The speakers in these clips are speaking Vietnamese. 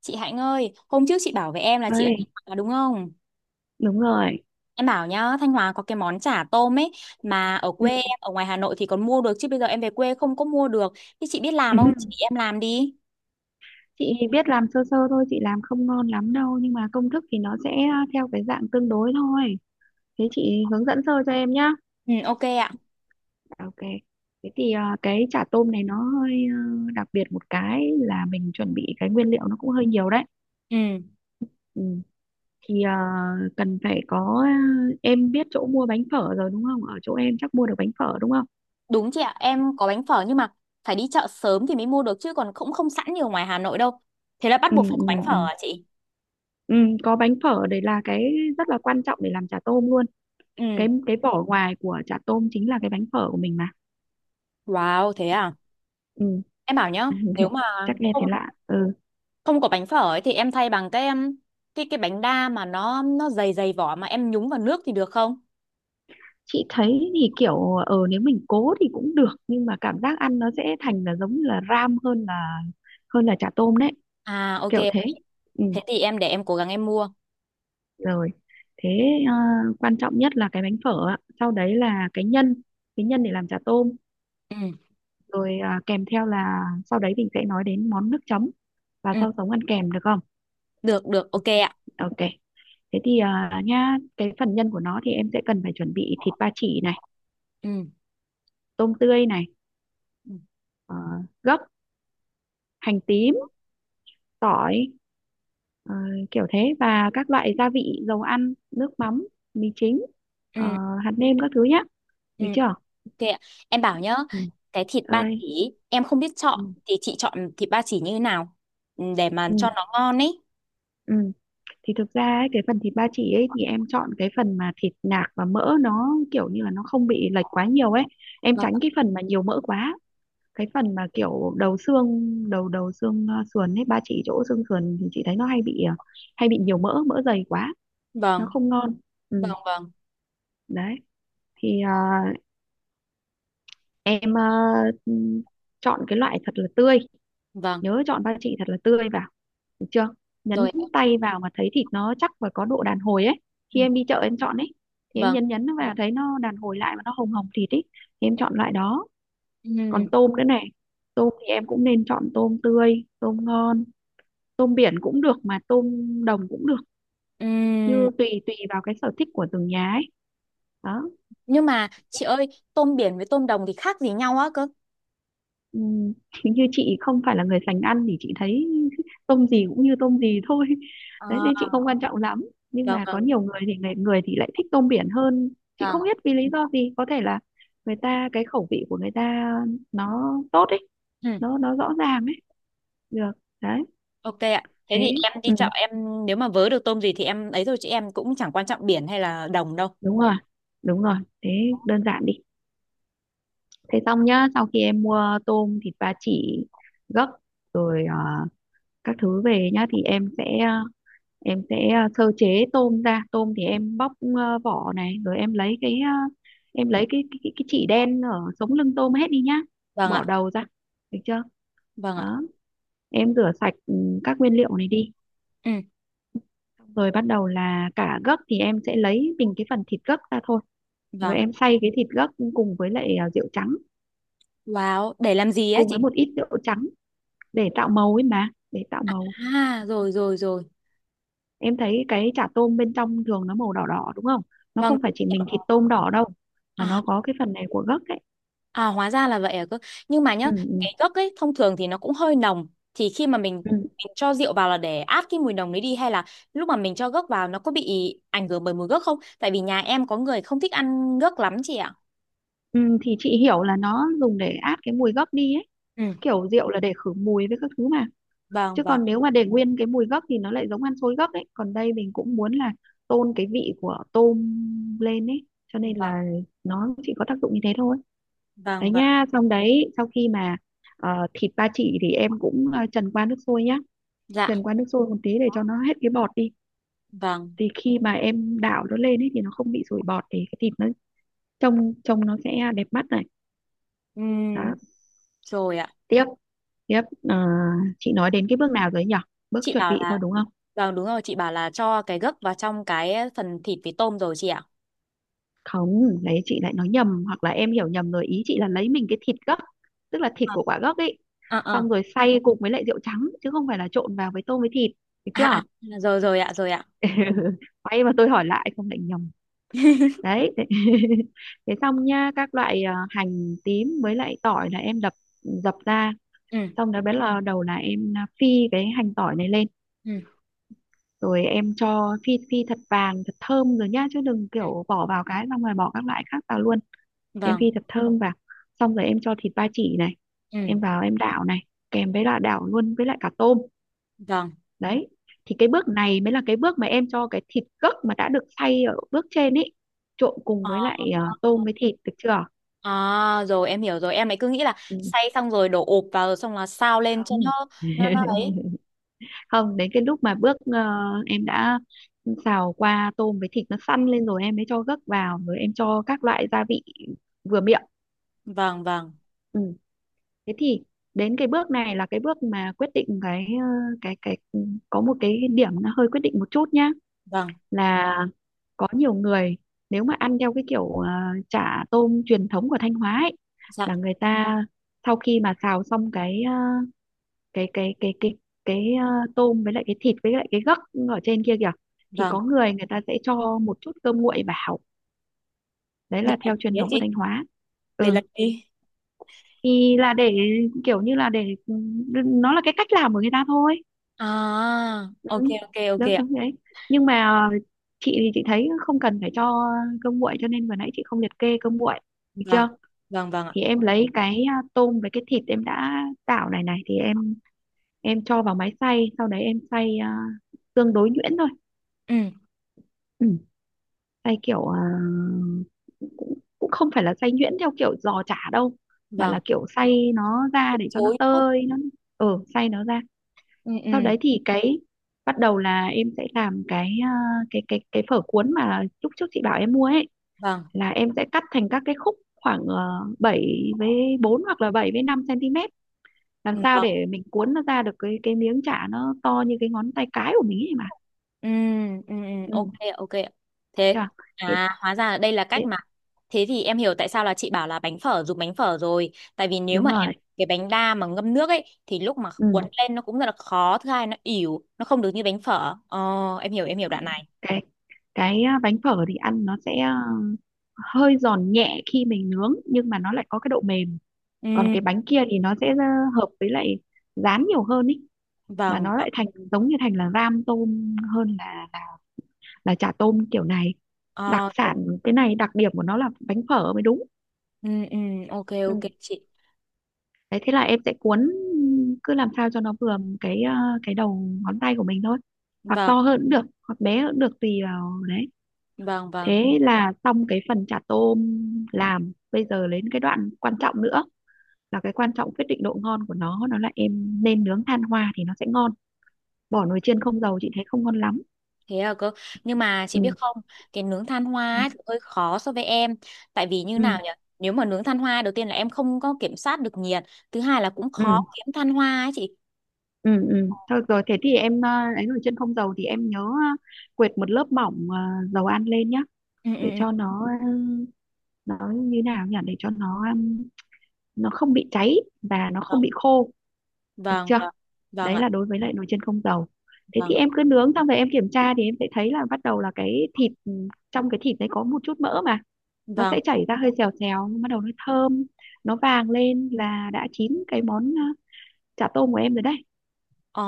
Chị Hạnh ơi, hôm trước chị bảo với em là chị ở Ơi, Thanh Hóa đúng không? đúng rồi. Em bảo nhá, Thanh Hóa có cái món chả tôm ấy mà ở Ừ. quê em, ở ngoài Hà Nội thì còn mua được chứ bây giờ em về quê không có mua được. Thì chị biết làm Ừ. không? Chị em làm đi. Chị biết làm sơ sơ thôi, chị làm không ngon lắm đâu, nhưng mà công thức thì nó sẽ theo cái dạng tương đối thôi. Thế chị hướng dẫn sơ cho em nhá. Ừ, ok ạ. Ok. Thế thì à, cái chả tôm này nó hơi đặc biệt, một cái là mình chuẩn bị cái nguyên liệu nó cũng hơi nhiều đấy. Ừ, Ừ. Thì à, cần phải có, em biết chỗ mua bánh phở rồi đúng không? Ở chỗ em chắc mua được bánh phở đúng không? đúng chị ạ, em có bánh phở nhưng mà phải đi chợ sớm thì mới mua được chứ còn cũng không sẵn như ở ngoài Hà Nội đâu. Thế là bắt Ừ, buộc phải có bánh ừ, phở ừ. à chị? Ừ, có bánh phở đấy là cái rất là quan trọng để làm chả tôm luôn. Ừ, Cái vỏ ngoài của chả tôm chính là cái bánh phở của mình mà, wow, thế à? ừ. Em bảo nhá, nếu mà Chắc nghe không thấy lạ, ừ. không có bánh phở ấy thì em thay bằng cái em cái bánh đa mà nó dày dày vỏ mà em nhúng vào nước thì được không? Chị thấy thì kiểu nếu mình cố thì cũng được, nhưng mà cảm giác ăn nó sẽ thành là giống như là ram hơn là chả tôm đấy, À ok, kiểu thế, ừ. thế thì em để em cố gắng em mua. Rồi, thế ờ, quan trọng nhất là cái bánh phở ạ, sau đấy là cái nhân, cái nhân để làm chả tôm, Ừ rồi à, kèm theo là sau đấy mình sẽ nói đến món nước chấm và ừ, sau sống ăn kèm, được không. được được ok ạ. Ok. Thế thì à, nha, cái phần nhân của nó thì em sẽ cần phải chuẩn bị thịt ba chỉ này, Ừ tôm tươi này, ừ ờ, gấc, hành tím, tỏi, ờ, kiểu thế, và các loại gia vị, dầu ăn, nước mắm, mì chính, ờ, ừ hạt nêm các thứ nhá, ừ, được chưa? ok ạ. Em bảo nhá, Ừ. cái thịt ba Ơi. chỉ em không biết chọn Ừ. thì chị chọn thịt ba chỉ như thế nào? Ừ, để mà cho Ừ. nó ngon ấy. Ừ. Thì thực ra ấy, cái phần thịt ba chỉ ấy thì em chọn cái phần mà thịt nạc và mỡ nó kiểu như là nó không bị lệch quá nhiều ấy. Em Vâng tránh cái phần mà nhiều mỡ quá, cái phần mà kiểu đầu xương, đầu đầu xương sườn ấy, ba chỉ chỗ xương sườn thì chị thấy nó hay bị hay bị nhiều mỡ, mỡ dày quá nó vâng không ngon, vâng ừ, vâng đấy. Thì em ừm, chọn cái loại thật là tươi, vâng nhớ chọn ba chỉ thật là tươi vào, được chưa? rồi. Nhấn tay vào mà thấy thịt nó chắc và có độ đàn hồi ấy, Ừ, khi em đi chợ em chọn ấy, thì em vâng. nhấn nhấn nó vào thấy nó đàn hồi lại mà nó hồng hồng thịt ấy, thì em chọn loại đó. Còn Ừ. tôm nữa này, tôm thì em cũng nên chọn tôm tươi tôm ngon, tôm biển cũng được mà tôm đồng cũng được, Ừ. như tùy tùy vào cái sở thích của từng nhà ấy, đó. Nhưng mà chị ơi, tôm biển với tôm đồng thì khác gì nhau á cơ? Ừm, như chị không phải là người sành ăn thì chị thấy tôm gì cũng như tôm gì thôi, đấy nên chị không quan trọng lắm, nhưng Được mà có rồi, nhiều người thì người người thì lại thích tôm biển hơn, chị vâng. không biết vì lý do gì, có thể là người ta cái khẩu vị của người ta nó tốt ấy, Ừ, nó rõ ràng ấy, được, đấy. ok ạ. Thế Thế, thì em đi ừ, chợ, em nếu mà vớ được tôm gì thì em ấy thôi chứ em cũng chẳng quan trọng biển hay là đồng đâu. đúng rồi, đúng rồi, thế đơn giản đi. Thế xong nhá, sau khi em mua tôm, thịt ba chỉ, gấc, rồi các thứ về nhá, thì em sẽ em sẽ sơ chế tôm ra. Tôm thì em bóc vỏ này, rồi em lấy cái em lấy cái chỉ đen ở sống lưng tôm hết đi nhá. Vâng ạ. Bỏ đầu ra, được chưa? Vâng ạ. Đó, em rửa sạch, ừ, các nguyên liệu này đi. Ừ, Xong rồi bắt đầu là cả gấc thì em sẽ lấy mình cái phần thịt gấc ra thôi. Rồi vâng. em xay cái thịt gấc cùng với lại rượu trắng, Wow, để làm gì á cùng với chị? một ít rượu trắng, để tạo màu ấy mà, để tạo màu. À, rồi rồi rồi. Em thấy cái chả tôm bên trong thường nó màu đỏ đỏ đúng không, nó Vâng. không phải chỉ mình thịt tôm đỏ đâu, mà À, nó có cái phần này của gấc ấy, à hóa ra là vậy à cơ. Nhưng mà nhá, ừ, ừ, cái gấc ấy thông thường thì nó cũng hơi nồng. Thì khi mà mình, ừ. mình cho rượu vào là để át cái mùi nồng đấy đi hay là lúc mà mình cho gấc vào nó có bị ảnh hưởng bởi mùi gấc không? Tại vì nhà em có người không thích ăn gấc lắm chị ạ. Ừ, thì chị hiểu là nó dùng để át cái mùi gấc đi ấy, Ừ, kiểu rượu là để khử mùi với các thứ mà, vâng chứ vâng. còn nếu mà để nguyên cái mùi gấc thì nó lại giống ăn xôi gấc ấy, còn đây mình cũng muốn là tôn cái vị của tôm lên ấy, cho nên Vâng, là nó chỉ có tác dụng như thế thôi, vâng, đấy vâng. nha. Xong đấy, sau khi mà thịt ba chỉ thì em cũng trần qua nước sôi nhá, Dạ, trần qua nước sôi một tí để cho nó hết cái bọt đi, vâng. thì khi mà em đảo nó lên ấy thì nó không bị sủi bọt, thì cái thịt nó trông trông nó sẽ đẹp mắt này, đó. Ừm, rồi ạ. Tiếp tiếp ờ, chị nói đến cái bước nào rồi nhỉ, bước Chị chuẩn bảo bị là, thôi đúng không. vâng đúng rồi, chị bảo là cho cái gấc vào trong cái phần thịt với tôm rồi chị ạ. Không, đấy chị lại nói nhầm hoặc là em hiểu nhầm rồi, ý chị là lấy mình cái thịt gấc, tức là thịt À, của quả gấc ấy, à, à, xong rồi xay cùng với lại rượu trắng chứ không phải là trộn vào với tôm với thịt, được à, à, chưa. rồi rồi ạ, rồi ạ. Quay mà tôi hỏi lại không lại nhầm đấy, thế. Thế xong nha, các loại à, hành tím với lại tỏi là em đập dập ra, Ừ, xong đó bắt là đầu là em à, phi cái hành tỏi này lên, ừ, rồi em cho phi phi thật vàng thật thơm rồi nhá, chứ đừng ừ, kiểu bỏ vào cái xong rồi bỏ các loại khác vào luôn. Em vâng, phi thật thơm vào, xong rồi em cho thịt ba chỉ này, ừ, em vào em đảo này, kèm với là đảo luôn với lại cả tôm, vâng. đấy. Thì cái bước này mới là cái bước mà em cho cái thịt gấc mà đã được xay ở bước trên ấy trộn cùng Ờ, với lại tôm với thịt, được chưa. à, rồi em hiểu rồi. Em ấy cứ nghĩ là Ừm, xay xong rồi đổ ụp vào rồi xong là sao lên cho nó không. nó nó ấy. Không, đến cái lúc mà bước em đã xào qua tôm với thịt nó săn lên rồi em mới cho gấc vào, rồi em cho các loại gia vị vừa miệng, Vâng, vâng, ừ. Thế thì đến cái bước này là cái bước mà quyết định cái cái ừ, có một cái điểm nó hơi quyết định một chút nhá, vâng. là có nhiều người, nếu mà ăn theo cái kiểu chả tôm truyền thống của Thanh Hóa ấy, Dạ, là người ta sau khi mà xào xong cái cái cái cái cái cái tôm với lại cái thịt với lại cái gấc ở trên kia kìa, thì vâng. có người, người ta sẽ cho một chút cơm nguội vào, đấy Để là làm theo truyền gì ấy thống của chị? Thanh Hóa. Để Ừ, làm gì? thì là để kiểu như là để, ừ, nó là cái cách làm của người ta thôi, À, ok ừ. ok ok Đó, đúng ạ. đấy, nhưng mà ờ, chị thì chị thấy không cần phải cho cơm nguội, cho nên vừa nãy chị không liệt kê cơm nguội, được Vâng chưa. vâng vâng ạ. Thì em lấy cái à, tôm với cái thịt em đã tạo này này thì em cho vào máy xay, sau đấy em xay à, tương đối nhuyễn thôi. Ừ. Ừ, xay kiểu à, cũng cũng không phải là xay nhuyễn theo kiểu giò chả đâu, mà Vâng. là kiểu xay nó ra Từ để cho nó chối nữa. tơi nó, ừ xay nó ra. Ừ Sau ừ. đấy thì cái bắt đầu là em sẽ làm cái à, cái phở cuốn mà lúc trước chị bảo em mua ấy, Vâng. là em sẽ cắt thành các cái khúc khoảng 7 với 4 hoặc là 7 với 5 cm, làm Ừ. sao Vâng. để mình cuốn nó ra được cái miếng chả nó to như cái ngón tay cái của mình ấy mà, Ừ ừ ừ, ừ, ok ạ, ok ạ. Thế, chưa? Thế, à, hóa ra là đây là thế, cách mà thế thì em hiểu tại sao là chị bảo là bánh phở, dùng bánh phở rồi. Tại vì nếu đúng mà em rồi, cái bánh đa mà ngâm nước ấy thì lúc mà cuốn ừ. lên nó cũng rất là khó, thứ hai nó ỉu, nó không được như bánh phở ờ em hiểu em hiểu đoạn này. cái cái à, bánh phở thì ăn nó sẽ à, hơi giòn nhẹ khi mình nướng nhưng mà nó lại có cái độ mềm, còn Ừ cái bánh kia thì nó sẽ à, hợp với lại rán nhiều hơn ý, mà vâng nó vâng. lại thành giống như thành là ram tôm hơn là chả tôm kiểu này, đặc Ờ, sản. Cái này đặc điểm của nó là bánh phở mới đúng, ừ ừ. Ok ok ừ. chị. Đấy thế là em sẽ cuốn, cứ làm sao cho nó vừa cái à, cái đầu ngón tay của mình thôi, hoặc Vâng to hơn cũng được hoặc bé hơn cũng được tùy vào đấy. vâng vâng. Thế là xong cái phần chả tôm làm, bây giờ đến cái đoạn quan trọng nữa, là cái quan trọng quyết định độ ngon của nó là em nên nướng than hoa thì nó sẽ ngon, bỏ nồi chiên không dầu chị thấy không ngon lắm, Thế à cơ. Nhưng mà chị ừ, biết không? Cái nướng than hoa đấy. ấy thì hơi khó so với em. Tại vì như Ừ nào nhỉ? Nếu mà nướng than hoa đầu tiên là em không có kiểm soát được nhiệt. Thứ hai là cũng ừ khó kiếm than hoa ấy chị. ừ ừ, thôi rồi thế thì em ấy nồi chiên không dầu thì em nhớ quệt một lớp mỏng dầu ăn lên nhá, Ừ ừ để ừ. cho nó nó như nào nhỉ, để cho nó nó không bị cháy và nó không Vâng bị khô, được vâng chưa. vâng, vâng Đấy ạ. là đối với lại nồi chiên không dầu. Thế thì Vâng em cứ nướng xong rồi em kiểm tra thì em sẽ thấy là bắt đầu là cái thịt, ừ, trong cái thịt đấy có một chút mỡ mà, nó vâng. sẽ chảy ra hơi xèo xèo nhưng bắt đầu nó thơm, nó vàng lên là đã chín cái món chả tôm của em rồi đấy, Ờ,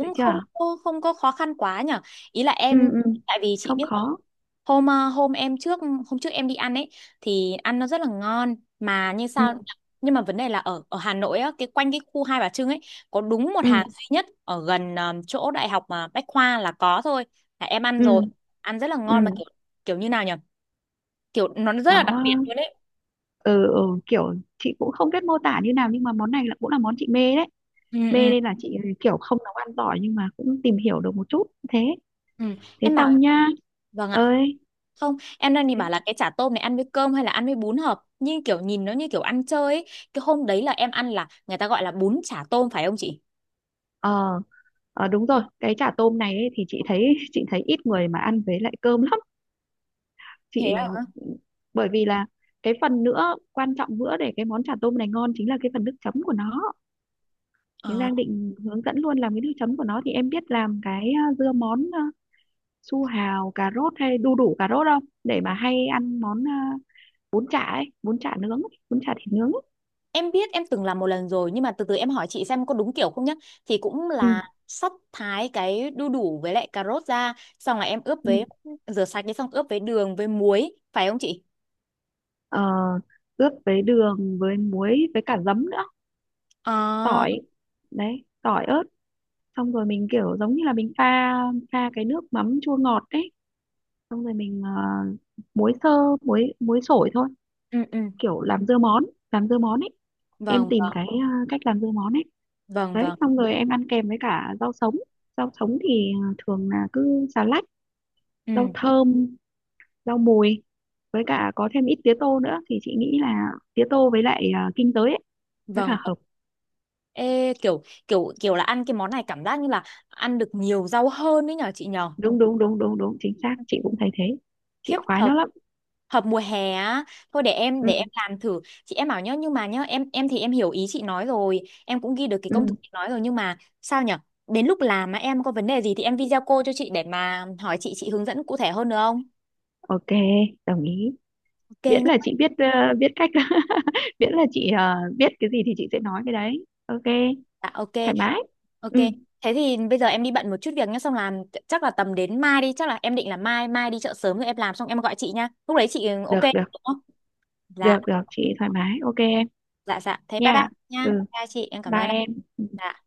được không chưa. có không có khó khăn quá nhở. Ý là Ừ em, ừ, tại vì chị không biết là khó, hôm ờ, hôm em trước hôm trước em đi ăn ấy thì ăn nó rất là ngon mà như ừ sao, nhưng mà vấn đề là ở ở Hà Nội á, cái quanh cái khu Hai Bà Trưng ấy có đúng một ừ hàng duy nhất ở gần chỗ đại học mà Bách Khoa là có thôi. Là em ăn ừ rồi, ăn rất là ngon ừ, mà kiểu kiểu như nào nhở? Kiểu nó rất là đó. đặc biệt luôn đấy. Ừ, ừ, kiểu chị cũng không biết mô tả như nào nhưng mà món này là cũng là món chị mê đấy, Ừ mê ừ nên là chị kiểu không nấu ăn giỏi nhưng mà cũng tìm hiểu được một chút, thế, ừ. thế Em bảo xong nhá. vâng ạ. Ơi, Không, em đang định thế, bảo là cái chả tôm này ăn với cơm hay là ăn với bún hợp. Nhưng kiểu nhìn nó như kiểu ăn chơi ấy. Cái hôm đấy là em ăn là người ta gọi là bún chả tôm phải không chị? ờ. Ờ, đúng rồi, cái chả tôm này ấy, thì chị thấy chị thấy ít người mà ăn với lại cơm lắm Thế chị, à? bởi vì là cái phần nữa quan trọng nữa để cái món chả tôm này ngon chính là cái phần nước chấm của nó. Thì Ờ. đang định hướng dẫn luôn làm cái nước chấm của nó, thì em biết làm cái à, dưa món à, su hào cà rốt hay đu đủ cà rốt không, để mà hay ăn món à, bún chả ấy, bún chả nướng ấy, bún chả thịt nướng ấy. Em biết em từng làm một lần rồi nhưng mà từ từ em hỏi chị xem có đúng kiểu không nhá. Thì cũng Ừ. là sắp thái cái đu đủ với lại cà rốt ra xong là em ướp Ừ. với rửa sạch đi xong ướp với đường với muối phải không chị? Ờ, ướp với đường với muối với cả giấm nữa, À, tỏi, đấy tỏi ớt, xong rồi mình kiểu giống như là mình pha, pha cái nước mắm chua ngọt đấy, xong rồi mình muối sơ, muối muối sổi thôi, ừ ừ. kiểu làm dưa món, làm dưa món ấy, em Vâng tìm vâng cái cách làm dưa món ấy. vâng Đấy vâng. xong rồi em ăn kèm với cả rau sống, rau sống thì thường là cứ xà lách, Ừ rau thơm, rau mùi với cả có thêm ít tía tô nữa thì chị nghĩ là tía tô với lại kinh tế ấy rất là vâng. hợp. Ê, kiểu kiểu kiểu là ăn cái món này cảm giác như là ăn được nhiều rau hơn đấy nhở chị nhở. Đúng đúng đúng đúng đúng, chính xác, chị cũng thấy thế, chị Khiếp khoái hợp, nó lắm, hợp mùa hè á. Thôi để em ừ để em làm thử chị, em bảo nhá, nhưng mà nhá em thì em hiểu ý chị nói rồi, em cũng ghi được cái công ừ. thức chị nói rồi nhưng mà sao nhở, đến lúc làm mà em có vấn đề gì thì em video call cho chị để mà hỏi chị hướng dẫn cụ thể hơn được không? Ok, đồng ý, Ok miễn nhá. là chị biết biết cách, miễn là chị biết cái gì thì chị sẽ nói cái đấy, ok, Dạ ok. thoải mái, Ok. ừ, Thế thì bây giờ em đi bận một chút việc nhá xong làm, chắc là tầm đến mai đi, chắc là em định là mai mai đi chợ sớm rồi em làm xong em gọi chị nhá, lúc đấy chị ừ, ok. được được, Dạ được được chị thoải mái, ok em, dạ dạ, thế bye bye nha, nha, ừ, chào chị em cảm bye ơn ạ. em. Ừ. Dạ.